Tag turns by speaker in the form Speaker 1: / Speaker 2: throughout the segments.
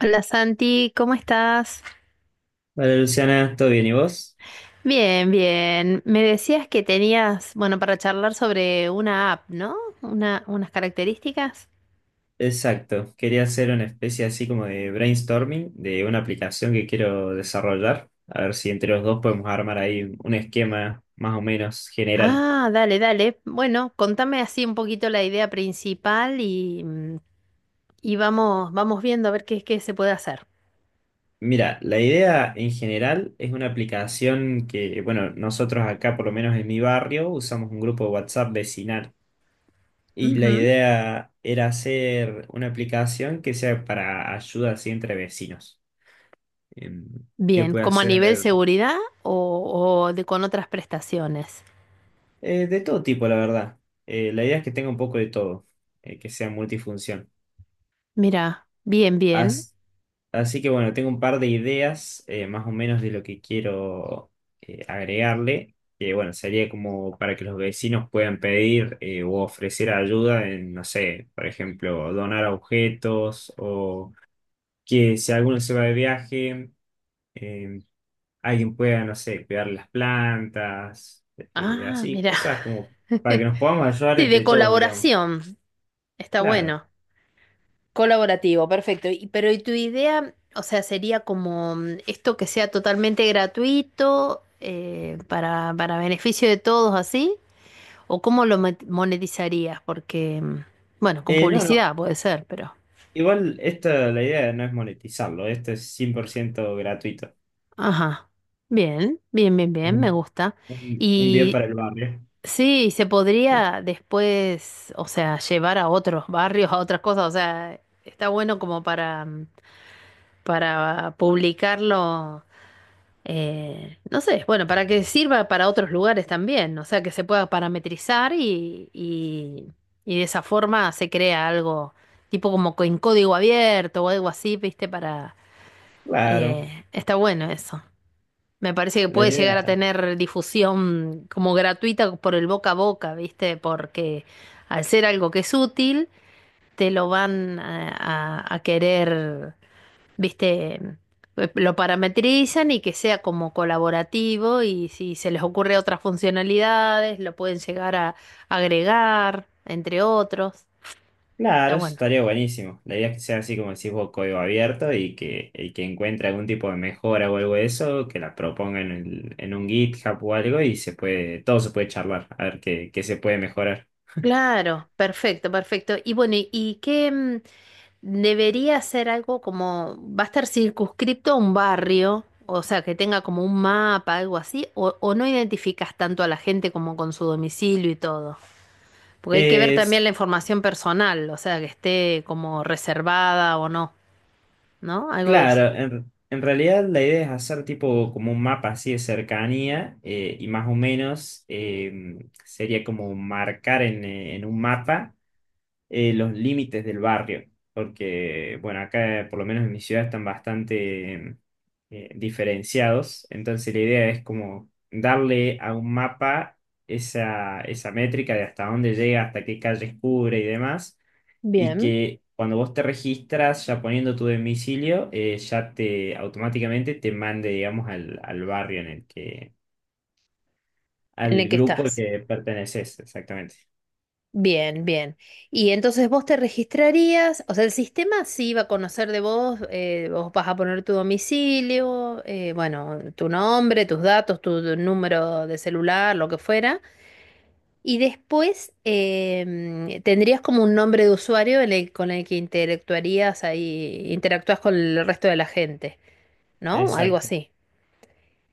Speaker 1: Hola Santi, ¿cómo estás?
Speaker 2: Vale, Luciana, ¿todo bien? ¿Y vos?
Speaker 1: Bien, bien. Me decías que tenías, bueno, para charlar sobre una app, ¿no? Unas características.
Speaker 2: Exacto, quería hacer una especie así como de brainstorming de una aplicación que quiero desarrollar. A ver si entre los dos podemos armar ahí un esquema más o menos general.
Speaker 1: Ah, dale, dale. Bueno, contame así un poquito la idea principal y, y vamos viendo a ver qué se puede hacer.
Speaker 2: Mira, la idea en general es una aplicación que, bueno, nosotros acá, por lo menos en mi barrio, usamos un grupo de WhatsApp vecinal. Y la
Speaker 1: Ujú.
Speaker 2: idea era hacer una aplicación que sea para ayuda así entre vecinos. Em, que
Speaker 1: Bien,
Speaker 2: pueda
Speaker 1: como a nivel
Speaker 2: ser.
Speaker 1: seguridad o de con otras prestaciones.
Speaker 2: De todo tipo, la verdad. La idea es que tenga un poco de todo, que sea multifunción.
Speaker 1: Mira, bien, bien.
Speaker 2: As- Así que bueno, tengo un par de ideas más o menos de lo que quiero agregarle, que bueno, sería como para que los vecinos puedan pedir o ofrecer ayuda en, no sé, por ejemplo, donar objetos, o que si alguno se va de viaje, eh, alguien pueda, no sé, cuidar las plantas,
Speaker 1: Ah,
Speaker 2: así,
Speaker 1: mira.
Speaker 2: cosas como para que nos podamos ayudar
Speaker 1: Sí, de
Speaker 2: entre todos, digamos.
Speaker 1: colaboración. Está
Speaker 2: Claro.
Speaker 1: bueno. Colaborativo, perfecto. Y- pero ¿y tu idea, o sea, sería como esto que sea totalmente gratuito para beneficio de todos así? ¿O cómo lo mo- monetizarías? Porque, bueno, con
Speaker 2: No, no,
Speaker 1: publicidad puede ser, pero...
Speaker 2: igual esta, la idea no es monetizarlo. Esto es 100% gratuito.
Speaker 1: Ajá. Bien, bien, bien,
Speaker 2: Es
Speaker 1: bien, me
Speaker 2: un,
Speaker 1: gusta.
Speaker 2: un, un bien
Speaker 1: Y
Speaker 2: para el barrio.
Speaker 1: sí, se podría después, o sea, llevar a otros barrios, a otras cosas, o sea, está bueno como para, para publicarlo. No sé, bueno, para que sirva para otros lugares también, o sea, que se pueda parametrizar y de esa forma se crea algo tipo como co- en código abierto o algo así, ¿viste? Para...
Speaker 2: Claro.
Speaker 1: está bueno eso. Me parece que
Speaker 2: La
Speaker 1: puede llegar
Speaker 2: idea
Speaker 1: a tener difusión como gratuita por el boca a boca, ¿viste? Porque al ser algo que es útil, te lo van a querer viste, lo parametrizan y que sea como colaborativo y si se les ocurre otras funcionalidades, lo pueden llegar a agregar, entre otros. Ah,
Speaker 2: Claro, eso
Speaker 1: bueno,
Speaker 2: estaría buenísimo. La idea es que sea así como decís vos, código abierto, y que el que encuentre algún tipo de mejora o algo de eso, que la proponga en un GitHub o algo, y se puede, todo se puede charlar, a ver qué, qué se puede mejorar.
Speaker 1: claro, perfecto, perfecto. Y bueno, y qué debería ser algo como, va a estar circunscripto a un barrio? O sea, que tenga como un mapa, algo así, o no identificas tanto a la gente como con su domicilio y todo. Porque hay que ver
Speaker 2: Es
Speaker 1: también la información personal, o sea, que esté como reservada o no, ¿no? Algo de eso.
Speaker 2: Claro, en realidad la idea es hacer tipo como un mapa así de cercanía, y más o menos sería como marcar en un mapa los límites del barrio, porque, bueno, acá por lo menos en mi ciudad están bastante diferenciados, entonces la idea es como darle a un mapa esa métrica de hasta dónde llega, hasta qué calles cubre y demás, y
Speaker 1: Bien,
Speaker 2: que cuando vos te registras ya poniendo tu domicilio, ya te automáticamente te mande, digamos, al barrio en el que,
Speaker 1: en el
Speaker 2: al
Speaker 1: que
Speaker 2: grupo al
Speaker 1: estás.
Speaker 2: que perteneces, exactamente.
Speaker 1: Bien, bien. Y entonces vos te registrarías, o sea, el sistema sí va a conocer de vos, vos vas a poner tu domicilio, bueno, tu nombre, tus datos, tu número de celular, lo que fuera. Y después em, tendrías como un nombre de usuario en el- con el que interactuarías ahí, interactúas con el resto de la gente. ¿No? Algo
Speaker 2: Exacto,
Speaker 1: así.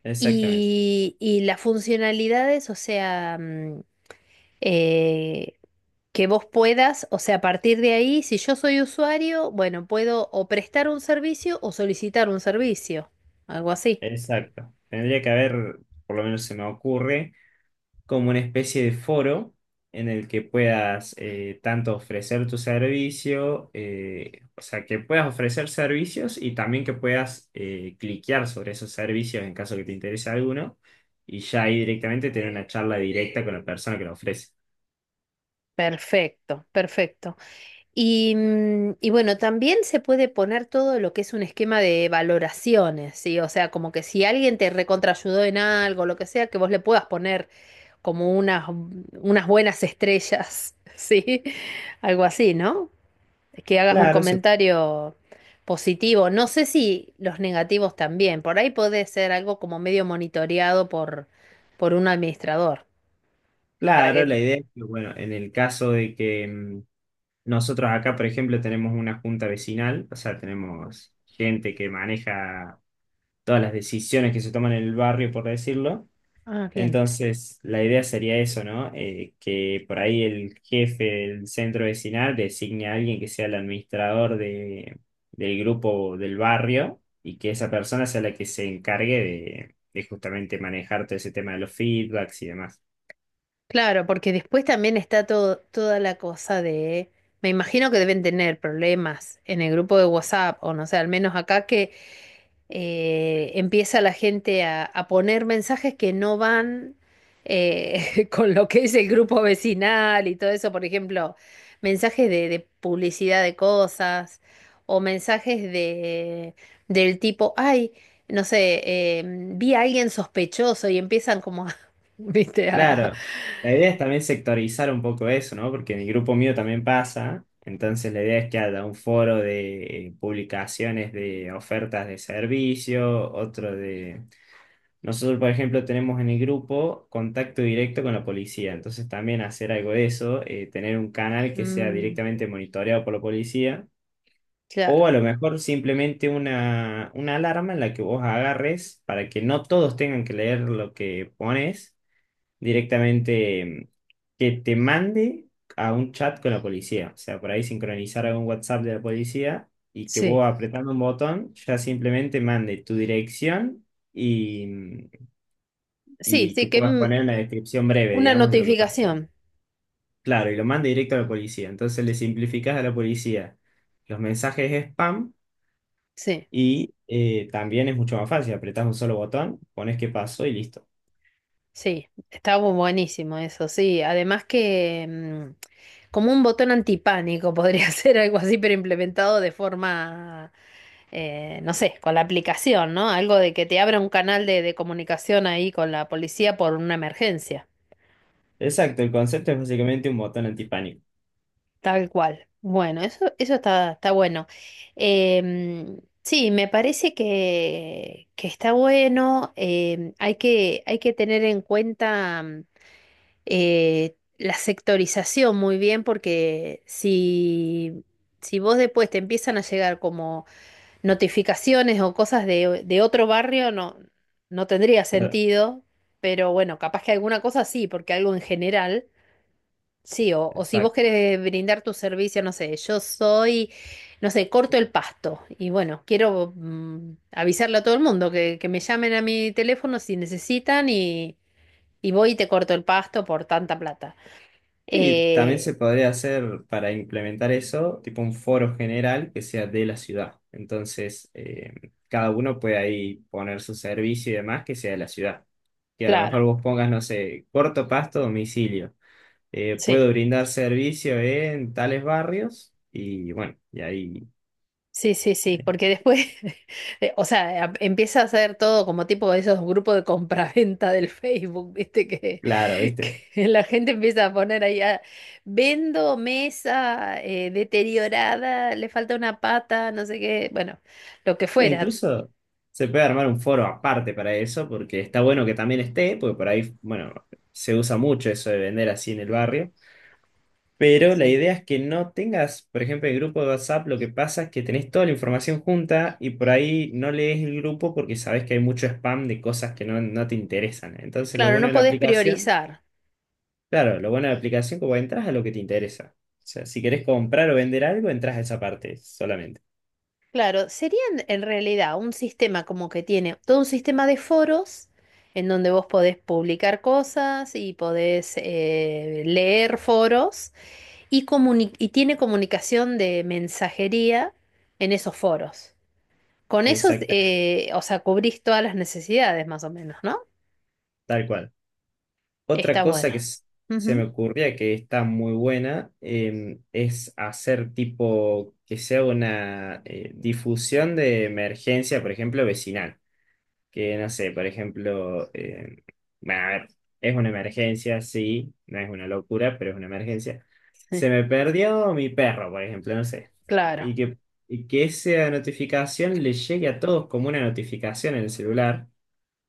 Speaker 2: exactamente.
Speaker 1: Y las funcionalidades, o sea, eh, que vos puedas, o sea, a partir de ahí, si yo soy usuario, bueno, puedo o prestar un servicio o solicitar un servicio, algo así.
Speaker 2: Exacto. Tendría que haber, por lo menos se me ocurre, como una especie de foro en el que puedas tanto ofrecer tu servicio, o sea, que puedas ofrecer servicios, y también que puedas cliquear sobre esos servicios en caso que te interese alguno, y ya ahí directamente tener una charla directa con la persona que lo ofrece.
Speaker 1: Perfecto, perfecto. Y, y bueno, también se puede poner todo lo que es un esquema de valoraciones, ¿sí? O sea, como que si alguien te recontraayudó en algo, lo que sea, que vos le puedas poner como unas buenas estrellas, ¿sí? Algo así, ¿no? Que hagas un
Speaker 2: Claro, se-
Speaker 1: comentario positivo. No sé si los negativos también. Por ahí puede ser algo como medio monitoreado por un administrador. Para
Speaker 2: claro,
Speaker 1: que.
Speaker 2: la idea es que, bueno, en el caso de que nosotros acá, por ejemplo, tenemos una junta vecinal, o sea, tenemos gente que maneja todas las decisiones que se toman en el barrio, por decirlo.
Speaker 1: Ah, bien.
Speaker 2: Entonces, la idea sería eso, ¿no? Que por ahí el jefe del centro vecinal designe a alguien que sea el administrador del grupo del barrio, y que esa persona sea la que se encargue de justamente manejar todo ese tema de los feedbacks y demás.
Speaker 1: Claro, porque después también está todo, toda la cosa de. Me imagino que deben tener problemas en el grupo de WhatsApp, o no sé, al menos acá que empieza la gente a poner mensajes que no van con lo que es el grupo vecinal y todo eso, por ejemplo, mensajes de publicidad de cosas o mensajes de, del tipo, ay, no sé, vi a alguien sospechoso y empiezan como a, viste, a...
Speaker 2: Claro, la idea es también sectorizar un poco eso, ¿no? Porque en el grupo mío también pasa, entonces la idea es que haya un foro de publicaciones de ofertas de servicio, otro de... Nosotros, por ejemplo, tenemos en el grupo contacto directo con la policía, entonces también hacer algo de eso, tener un canal que sea
Speaker 1: mm,
Speaker 2: directamente monitoreado por la policía. O
Speaker 1: claro,
Speaker 2: a lo mejor simplemente una alarma en la que vos agarres para que no todos tengan que leer lo que pones, directamente que te mande a un chat con la policía. O sea, por ahí sincronizar algún WhatsApp de la policía, y que
Speaker 1: sí,
Speaker 2: vos apretando un botón ya simplemente mande tu dirección y,
Speaker 1: sí,
Speaker 2: y que
Speaker 1: sí, que
Speaker 2: puedas poner una descripción breve,
Speaker 1: una
Speaker 2: digamos, de lo que pasó.
Speaker 1: notificación,
Speaker 2: Claro, y lo mande directo a la policía. Entonces le simplificás a la policía los mensajes spam,
Speaker 1: sí.
Speaker 2: y también es mucho más fácil. Apretás un solo botón, pones qué pasó y listo.
Speaker 1: Sí, está bu- buenísimo eso, sí. Además que como un botón antipánico podría ser algo así, pero implementado de forma, no sé, con la aplicación, ¿no? Algo de que te abra un canal de comunicación ahí con la policía por una emergencia,
Speaker 2: Exacto, el concepto es básicamente un botón antipánico.
Speaker 1: tal cual. Bueno, eso está, está bueno. Em, sí, me parece que está bueno. Em, hay hay que tener en cuenta. Eh, la sectorización muy bien, porque si, si vos después te empiezan a llegar como notificaciones o cosas de otro barrio, no, no tendría
Speaker 2: Claro,
Speaker 1: sentido, pero bueno, capaz que alguna cosa sí, porque algo en general. Sí, o si vos
Speaker 2: exacto.
Speaker 1: querés brindar tu servicio, no sé, yo soy, no sé, corto el pasto y bueno, quiero avisarle a todo el mundo que me llamen a mi teléfono si necesitan y voy y te corto el pasto por tanta plata.
Speaker 2: Sí, también
Speaker 1: Eh,
Speaker 2: se podría hacer para implementar eso, tipo un foro general que sea de la ciudad. Entonces, cada uno puede ahí poner su servicio y demás que sea de la ciudad. Que a lo
Speaker 1: claro,
Speaker 2: mejor vos pongas, no sé, corto pasto, domicilio.
Speaker 1: sí,
Speaker 2: Puedo brindar servicio en tales barrios, y bueno, y ahí,
Speaker 1: sí, porque después, o sea, a- empieza a hacer todo como tipo de esos grupos de compraventa del Facebook, ¿viste? Que,
Speaker 2: claro, ¿viste?
Speaker 1: que la gente empieza a poner ahí, ah, vendo mesa deteriorada, le falta una pata, no sé qué, bueno, lo que
Speaker 2: E
Speaker 1: fuera,
Speaker 2: incluso se puede armar un foro aparte para eso, porque está bueno que también esté, porque por ahí, bueno, se usa mucho eso de vender así en el barrio. Pero la
Speaker 1: sí.
Speaker 2: idea es que no tengas, por ejemplo, el grupo de WhatsApp. Lo que pasa es que tenés toda la información junta y por ahí no lees el grupo porque sabes que hay mucho spam de cosas que no, no te interesan. Entonces, lo
Speaker 1: Claro,
Speaker 2: bueno
Speaker 1: no
Speaker 2: de la
Speaker 1: podés
Speaker 2: aplicación,
Speaker 1: priorizar.
Speaker 2: Claro, lo bueno de la aplicación, como entras a lo que te interesa. O sea, si querés comprar o vender algo, entras a esa parte solamente.
Speaker 1: Claro, serían en realidad un sistema como que tiene todo un sistema de foros en donde vos podés publicar cosas y podés leer foros comuni- y tiene comunicación de mensajería en esos foros. Con eso,
Speaker 2: Exactamente,
Speaker 1: o sea, cubrís todas las necesidades más o menos, ¿no?
Speaker 2: tal cual. Otra
Speaker 1: Está
Speaker 2: cosa
Speaker 1: bueno.
Speaker 2: que s- Se me
Speaker 1: Ujú,
Speaker 2: ocurría que está muy buena, es hacer tipo que sea una difusión de emergencia, por ejemplo, vecinal. Que no sé, por ejemplo, bueno, a ver, es una emergencia, sí, no es una locura, pero es una emergencia.
Speaker 1: sí,
Speaker 2: Se me perdió mi perro, por ejemplo, no sé.
Speaker 1: claro,
Speaker 2: Y que, y que esa notificación le llegue a todos como una notificación en el celular,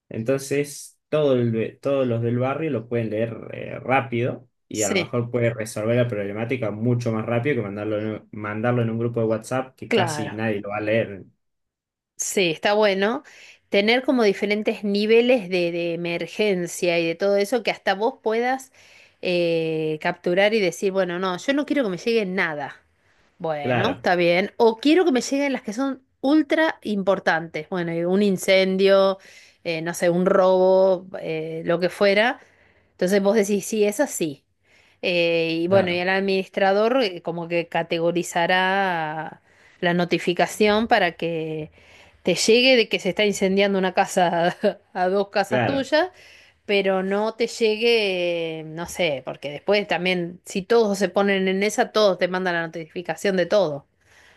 Speaker 2: entonces, todos los del barrio lo pueden leer rápido, y a lo
Speaker 1: sí,
Speaker 2: mejor puede resolver la problemática mucho más rápido que mandarlo en un grupo de WhatsApp que casi
Speaker 1: claro.
Speaker 2: nadie lo va a leer.
Speaker 1: Sí, está bueno tener como diferentes niveles de emergencia y de todo eso que hasta vos puedas capturar y decir, bueno, no, yo no quiero que me llegue nada. Bueno,
Speaker 2: Claro.
Speaker 1: está bien. O quiero que me lleguen las que son ultra importantes. Bueno, y un incendio, no sé, un robo, lo que fuera. Entonces vos decís, sí, es así. Y bueno, y
Speaker 2: Claro.
Speaker 1: el administrador como que categorizará la notificación para que te llegue de que se está incendiando una casa a dos casas
Speaker 2: Claro,
Speaker 1: tuyas, pero no te llegue, no sé, porque después también, si todos se ponen en esa, todos te mandan la notificación de todo.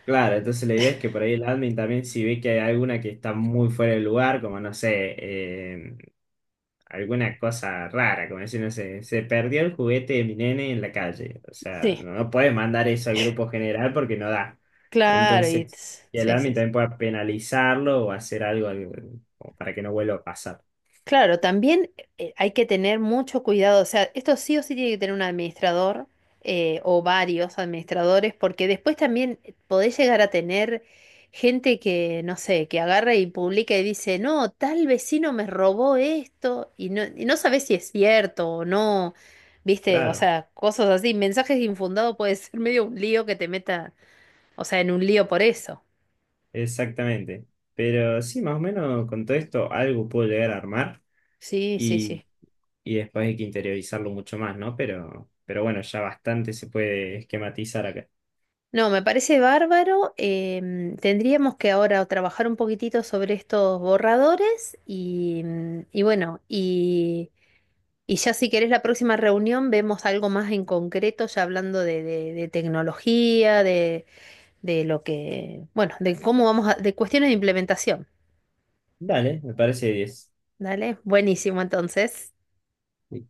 Speaker 2: claro. Entonces, la idea es que por ahí el admin también, si ve que hay alguna que está muy fuera de lugar, como no sé, alguna cosa rara, como decir, no sé, se perdió el juguete de mi nene en la calle. O sea,
Speaker 1: Sí,
Speaker 2: no, no puedes mandar eso al grupo general porque no da.
Speaker 1: claro, y
Speaker 2: Entonces, y el
Speaker 1: sí,
Speaker 2: admin
Speaker 1: sí. Sí.
Speaker 2: también puede penalizarlo o hacer algo, como para que no vuelva a pasar.
Speaker 1: Claro, también hay que tener mucho cuidado, o sea, esto sí o sí tiene que tener un administrador o varios administradores, porque después también podés llegar a tener gente que, no sé, que agarra y publica y dice, no, tal vecino me robó esto, y no sabés si es cierto o no, viste, o
Speaker 2: Claro,
Speaker 1: sea, cosas así, mensajes infundados puede ser medio un lío que te meta, o sea, en un lío por eso.
Speaker 2: exactamente. Pero sí, más o menos con todo esto algo puedo llegar a armar,
Speaker 1: Sí, sí,
Speaker 2: y,
Speaker 1: sí.
Speaker 2: y después hay que interiorizarlo mucho más, ¿no? Pero bueno, ya bastante se puede esquematizar acá.
Speaker 1: No, me parece bárbaro. Em, tendríamos que ahora trabajar un poquitito sobre estos borradores y, y bueno, y ya si querés la próxima reunión vemos algo más en concreto, ya hablando de tecnología, de lo que, bueno, de cómo vamos a, de cuestiones de implementación.
Speaker 2: Dale, me parece 10.
Speaker 1: Dale, buenísimo entonces.